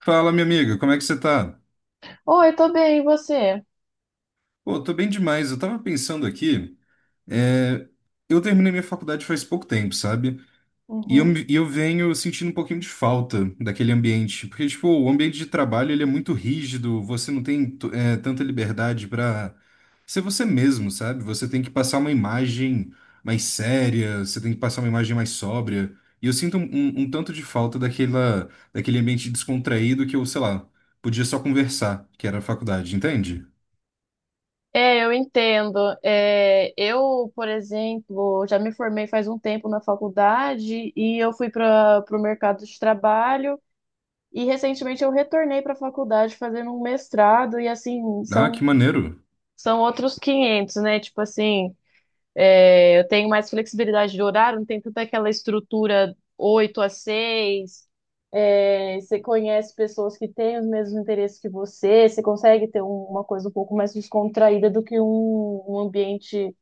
Fala, minha amiga, como é que você tá? Oi, tô bem, e você? Pô, tô bem demais. Eu tava pensando aqui, é, eu terminei minha faculdade faz pouco tempo, sabe? E eu, Uhum. me- e eu venho sentindo um pouquinho de falta daquele ambiente, porque, tipo, o ambiente de trabalho, ele é muito rígido, você não tem, tanta liberdade pra ser você mesmo, sabe? Você tem que passar uma imagem mais séria, você tem que passar uma imagem mais sóbria, e eu sinto um tanto de falta daquele ambiente descontraído que eu, sei lá, podia só conversar, que era a faculdade, entende? É, eu entendo. É, eu, por exemplo, já me formei faz um tempo na faculdade e eu fui para o mercado de trabalho e recentemente eu retornei para a faculdade fazendo um mestrado e assim, Ah, que são, maneiro. são outros 500, né? Tipo assim, é, eu tenho mais flexibilidade de horário, não tem tanta aquela estrutura 8 a 6. É, você conhece pessoas que têm os mesmos interesses que você, você consegue ter uma coisa um pouco mais descontraída do que um ambiente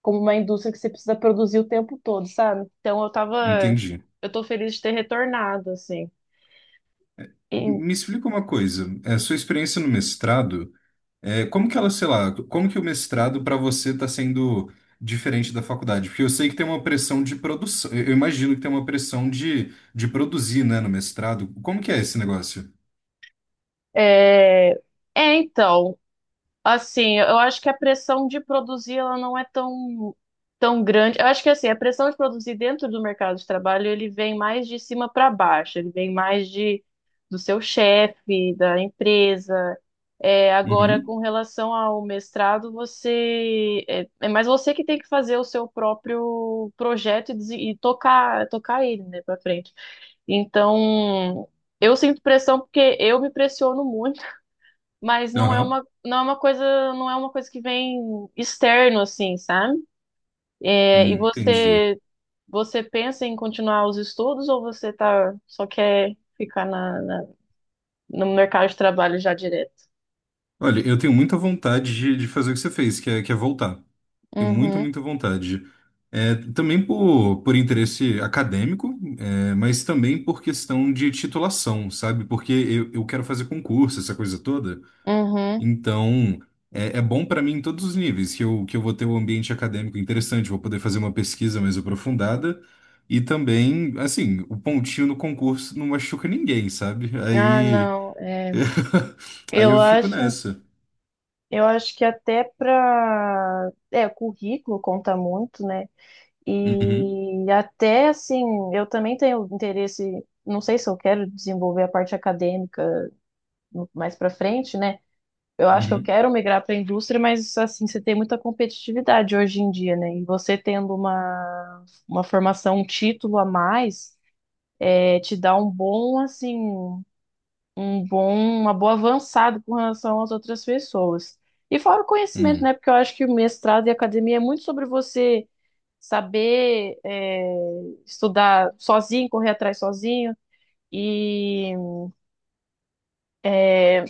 como uma indústria que você precisa produzir o tempo todo, sabe? Então Entendi. eu tô feliz de ter retornado, assim. E Me explica uma coisa. Sua experiência no mestrado, como que ela, sei lá, como que o mestrado para você está sendo diferente da faculdade? Porque eu sei que tem uma pressão de produção. Eu imagino que tem uma pressão de produzir, né, no mestrado. Como que é esse negócio? é, então, assim, eu acho que a pressão de produzir ela não é tão grande. Eu acho que assim, a pressão de produzir dentro do mercado de trabalho, ele vem mais de cima para baixo, ele vem mais de do seu chefe, da empresa. É, agora, Uhum. com relação ao mestrado, você é, é mais você que tem que fazer o seu próprio projeto e, e tocar ele, né, para frente. Então, eu sinto pressão porque eu me pressiono muito, mas Aham. Não é uma coisa que vem externo assim, sabe? É, e Entendi. você pensa em continuar os estudos ou você tá, só quer ficar no mercado de trabalho já direto? Olha, eu tenho muita vontade de fazer o que você fez, que é voltar. Tenho muita, Uhum, muita vontade. Também por interesse acadêmico, mas também por questão de titulação, sabe? Porque eu quero fazer concurso, essa coisa toda. uhum. Então, é bom para mim em todos os níveis, que eu vou ter um ambiente acadêmico interessante, vou poder fazer uma pesquisa mais aprofundada. E também, assim, o pontinho no concurso não machuca ninguém, sabe? Ah, Aí, não. Aí eu eu fico acho, nessa. eu acho que até para, currículo conta muito, né? Uhum, E até assim, eu também tenho interesse, não sei se eu quero desenvolver a parte acadêmica mais para frente, né? Eu acho que eu uhum, quero migrar para a indústria, mas assim, você tem muita competitividade hoje em dia, né? E você tendo uma formação, um título a mais, é, te dá um bom, assim, um bom, uma boa avançada com relação às outras pessoas. E fora o conhecimento, né? uhum, Porque eu acho que o mestrado e a academia é muito sobre você saber, é, estudar sozinho, correr atrás sozinho. E é,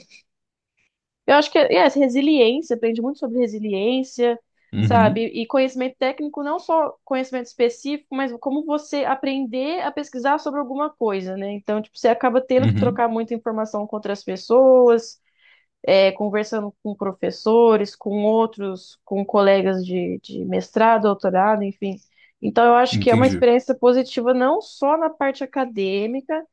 eu acho que essa resiliência, aprende muito sobre resiliência, sabe? uhum, E conhecimento técnico, não só conhecimento específico, mas como você aprender a pesquisar sobre alguma coisa, né? Então, tipo, você acaba tendo que trocar uhum. muita informação com outras pessoas, é, conversando com professores, com outros, com colegas de mestrado, doutorado, enfim. Então, eu acho que é uma Entendi. experiência positiva não só na parte acadêmica,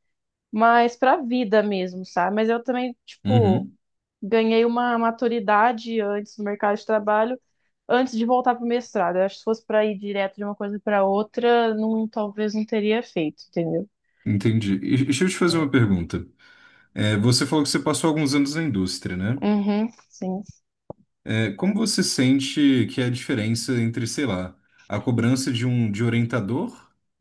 mas para a vida mesmo, sabe? Mas eu também, tipo, Uhum, ganhei uma maturidade antes no mercado de trabalho, antes de voltar para o mestrado. Eu acho que se fosse para ir direto de uma coisa para outra, não, talvez não teria feito, entendeu? entendi. E deixa eu te fazer uma pergunta. Você falou que você passou alguns anos na indústria, né? Uhum, sim. Como você sente que é a diferença entre, sei lá, a cobrança de orientador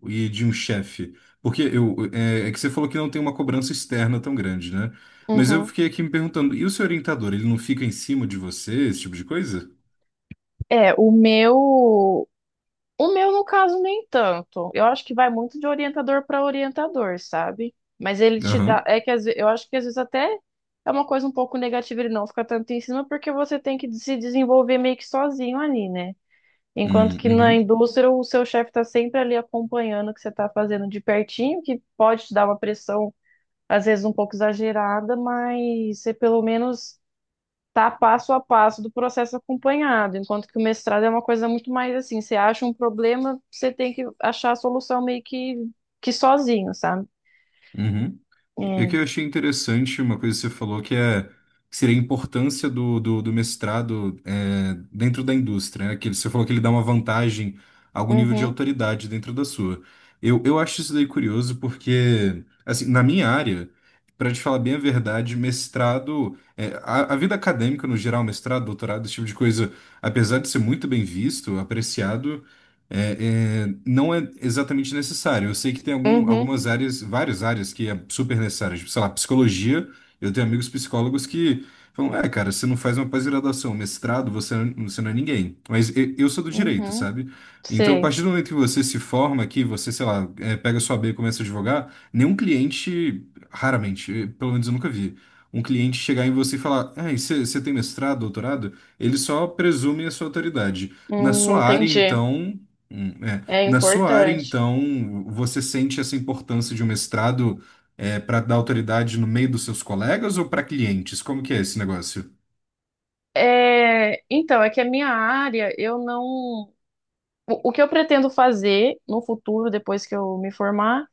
e de um chefe? Porque é que você falou que não tem uma cobrança externa tão grande, né? Mas eu Uhum. fiquei aqui me perguntando, e o seu orientador, ele não fica em cima de você, esse tipo de coisa? É, o meu no caso nem tanto. Eu acho que vai muito de orientador para orientador, sabe? Mas ele te dá, Aham. é que eu acho que às vezes até é uma coisa um pouco negativa ele não ficar tanto em cima, porque você tem que se desenvolver meio que sozinho ali, né? Enquanto que na uhum. indústria o seu chefe está sempre ali acompanhando o que você está fazendo de pertinho, que pode te dar uma pressão, às vezes um pouco exagerada, mas você pelo menos tá passo a passo do processo acompanhado. Enquanto que o mestrado é uma coisa muito mais assim, você acha um problema, você tem que achar a solução meio que sozinho, sabe? Uhum. É É. que eu achei interessante uma coisa que você falou que seria a importância do mestrado, dentro da indústria, né? Que você falou que ele dá uma vantagem, algum nível de Uhum, autoridade dentro da sua. Eu acho isso daí curioso porque, assim, na minha área, para te falar bem a verdade, mestrado, a vida acadêmica no geral, mestrado, doutorado, esse tipo de coisa, apesar de ser muito bem visto, apreciado não é exatamente necessário. Eu sei que tem algum, uhum, algumas áreas, várias áreas que é super necessário. Tipo, sei lá, psicologia. Eu tenho amigos psicólogos que falam, cara, você não faz uma pós-graduação, mestrado, você não é ninguém. Mas eu sou do direito, uhum. sabe? Então, a Sei. partir do momento que você se forma aqui, você, sei lá, pega sua B e começa a advogar, nenhum cliente, raramente, pelo menos eu nunca vi, um cliente chegar em você e falar, você tem mestrado, doutorado? Ele só presume a sua autoridade. Na sua área, Entendi. então, hum, é. É Na sua área, importante. então, você sente essa importância de um mestrado para dar autoridade no meio dos seus colegas ou para clientes? Como que é esse negócio? É, então, é que a minha área, eu não. O que eu pretendo fazer no futuro, depois que eu me formar,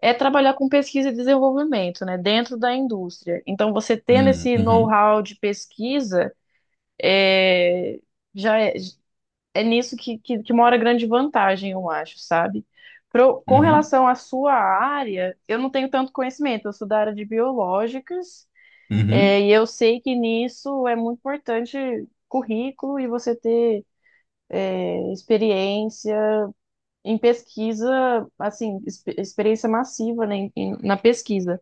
é trabalhar com pesquisa e desenvolvimento, né, dentro da indústria. Então, você tendo esse Uhum, know-how de pesquisa, é, já é, é nisso que mora grande vantagem, eu acho, sabe? Com uhum, relação à sua área, eu não tenho tanto conhecimento, eu sou da área de biológicas, uhum, é, e eu sei que nisso é muito importante currículo e você ter, é, experiência em pesquisa, assim, experiência massiva, né, na pesquisa.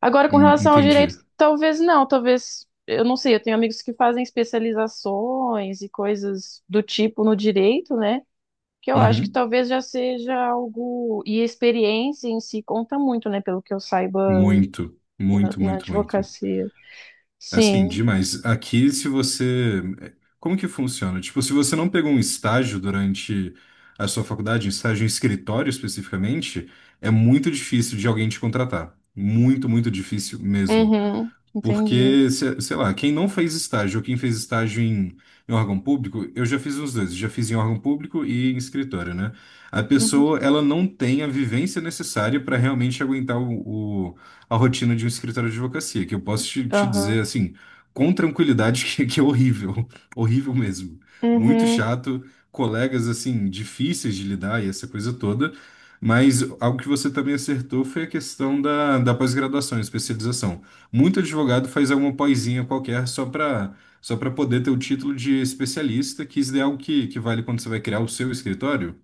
Agora, com relação ao direito, entendi. talvez não, talvez, eu não sei, eu tenho amigos que fazem especializações e coisas do tipo no direito, né, que eu acho que Uhum. talvez já seja algo, e a experiência em si conta muito, né, pelo que eu saiba Muito, na, muito, na muito, muito. advocacia. Sim, Assim, demais. Aqui, se você. É, como que funciona? Tipo, se você não pegou um estágio durante a sua faculdade, um estágio em escritório especificamente, é muito difícil de alguém te contratar. Muito, muito difícil mesmo. uhum, entendi. Porque, sei lá, quem não fez estágio ou quem fez estágio em órgão público, eu já fiz os dois, já fiz em órgão público e em escritório, né? A Uhum, pessoa, ela não tem a vivência necessária para realmente aguentar a rotina de um escritório de advocacia, que eu posso te aham, dizer, assim, com tranquilidade, que é horrível, horrível mesmo. Muito uhum, chato, colegas, assim, difíceis de lidar e essa coisa toda. Mas algo que você também acertou foi a questão da pós-graduação, especialização. Muito advogado faz alguma poesinha qualquer só para poder ter o título de especialista, que isso é algo que vale quando você vai criar o seu escritório,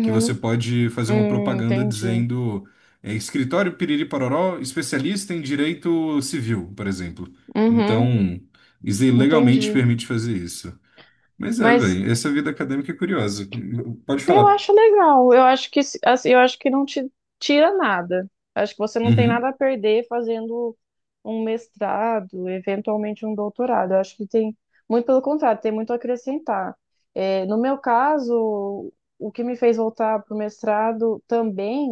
que você pode fazer uma propaganda entendi, dizendo, escritório Piriri Pororó, especialista em direito civil, por exemplo. uhum, Então, isso aí legalmente entendi. permite fazer isso. Mas é, Mas velho, essa vida acadêmica é curiosa. Pode eu falar. acho legal. Eu acho que assim, eu acho que não te tira nada. Acho que você não tem nada Uhum, a perder fazendo um mestrado, eventualmente um doutorado. Eu acho que tem muito pelo contrário, tem muito a acrescentar. É, no meu caso, o que me fez voltar para o mestrado também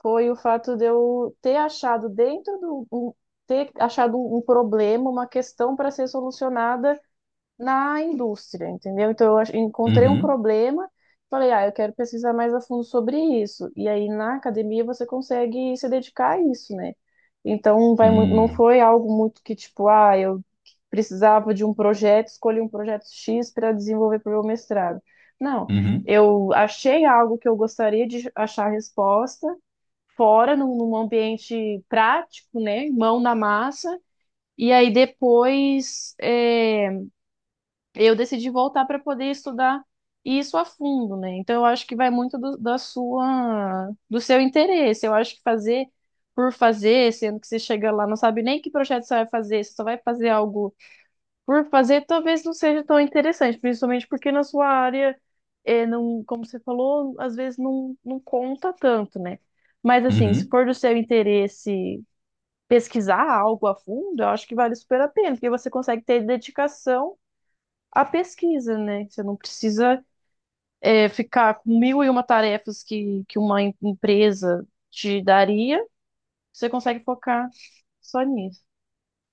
foi o fato de eu ter achado ter achado um problema, uma questão para ser solucionada na indústria, entendeu? Então eu encontrei um uhum, problema, falei, ah, eu quero pesquisar mais a fundo sobre isso. E aí na academia você consegue se dedicar a isso, né? Então não hum, foi algo muito que tipo, ah, eu precisava de um projeto, escolhi um projeto X para desenvolver para o meu mestrado. Não, uhum, eu achei algo que eu gostaria de achar resposta fora, num ambiente prático, né? Mão na massa. E aí depois, é, eu decidi voltar para poder estudar isso a fundo, né? Então eu acho que vai muito do, da sua, do seu interesse. Eu acho que fazer por fazer, sendo que você chega lá, não sabe nem que projeto você vai fazer, você só vai fazer algo por fazer, talvez não seja tão interessante, principalmente porque na sua área, é, não, como você falou, às vezes não, não conta tanto, né? Mas assim, se uhum. for do seu interesse pesquisar algo a fundo, eu acho que vale super a pena, porque você consegue ter dedicação a pesquisa, né? Você não precisa, é, ficar com mil e uma tarefas que uma empresa te daria, você consegue focar só nisso.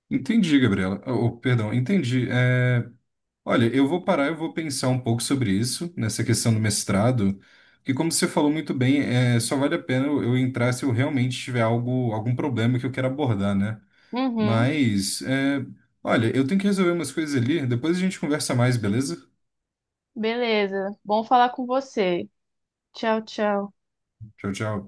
Entendi, Gabriela. Oh, perdão, entendi. Olha, eu vou parar, eu vou pensar um pouco sobre isso, nessa questão do mestrado, que como você falou muito bem, só vale a pena eu entrar se eu realmente tiver algum problema que eu quero abordar, né? Uhum, Mas, olha, eu tenho que resolver umas coisas ali, depois a gente conversa mais, beleza? beleza. Bom falar com você. Tchau, tchau. Tchau, tchau.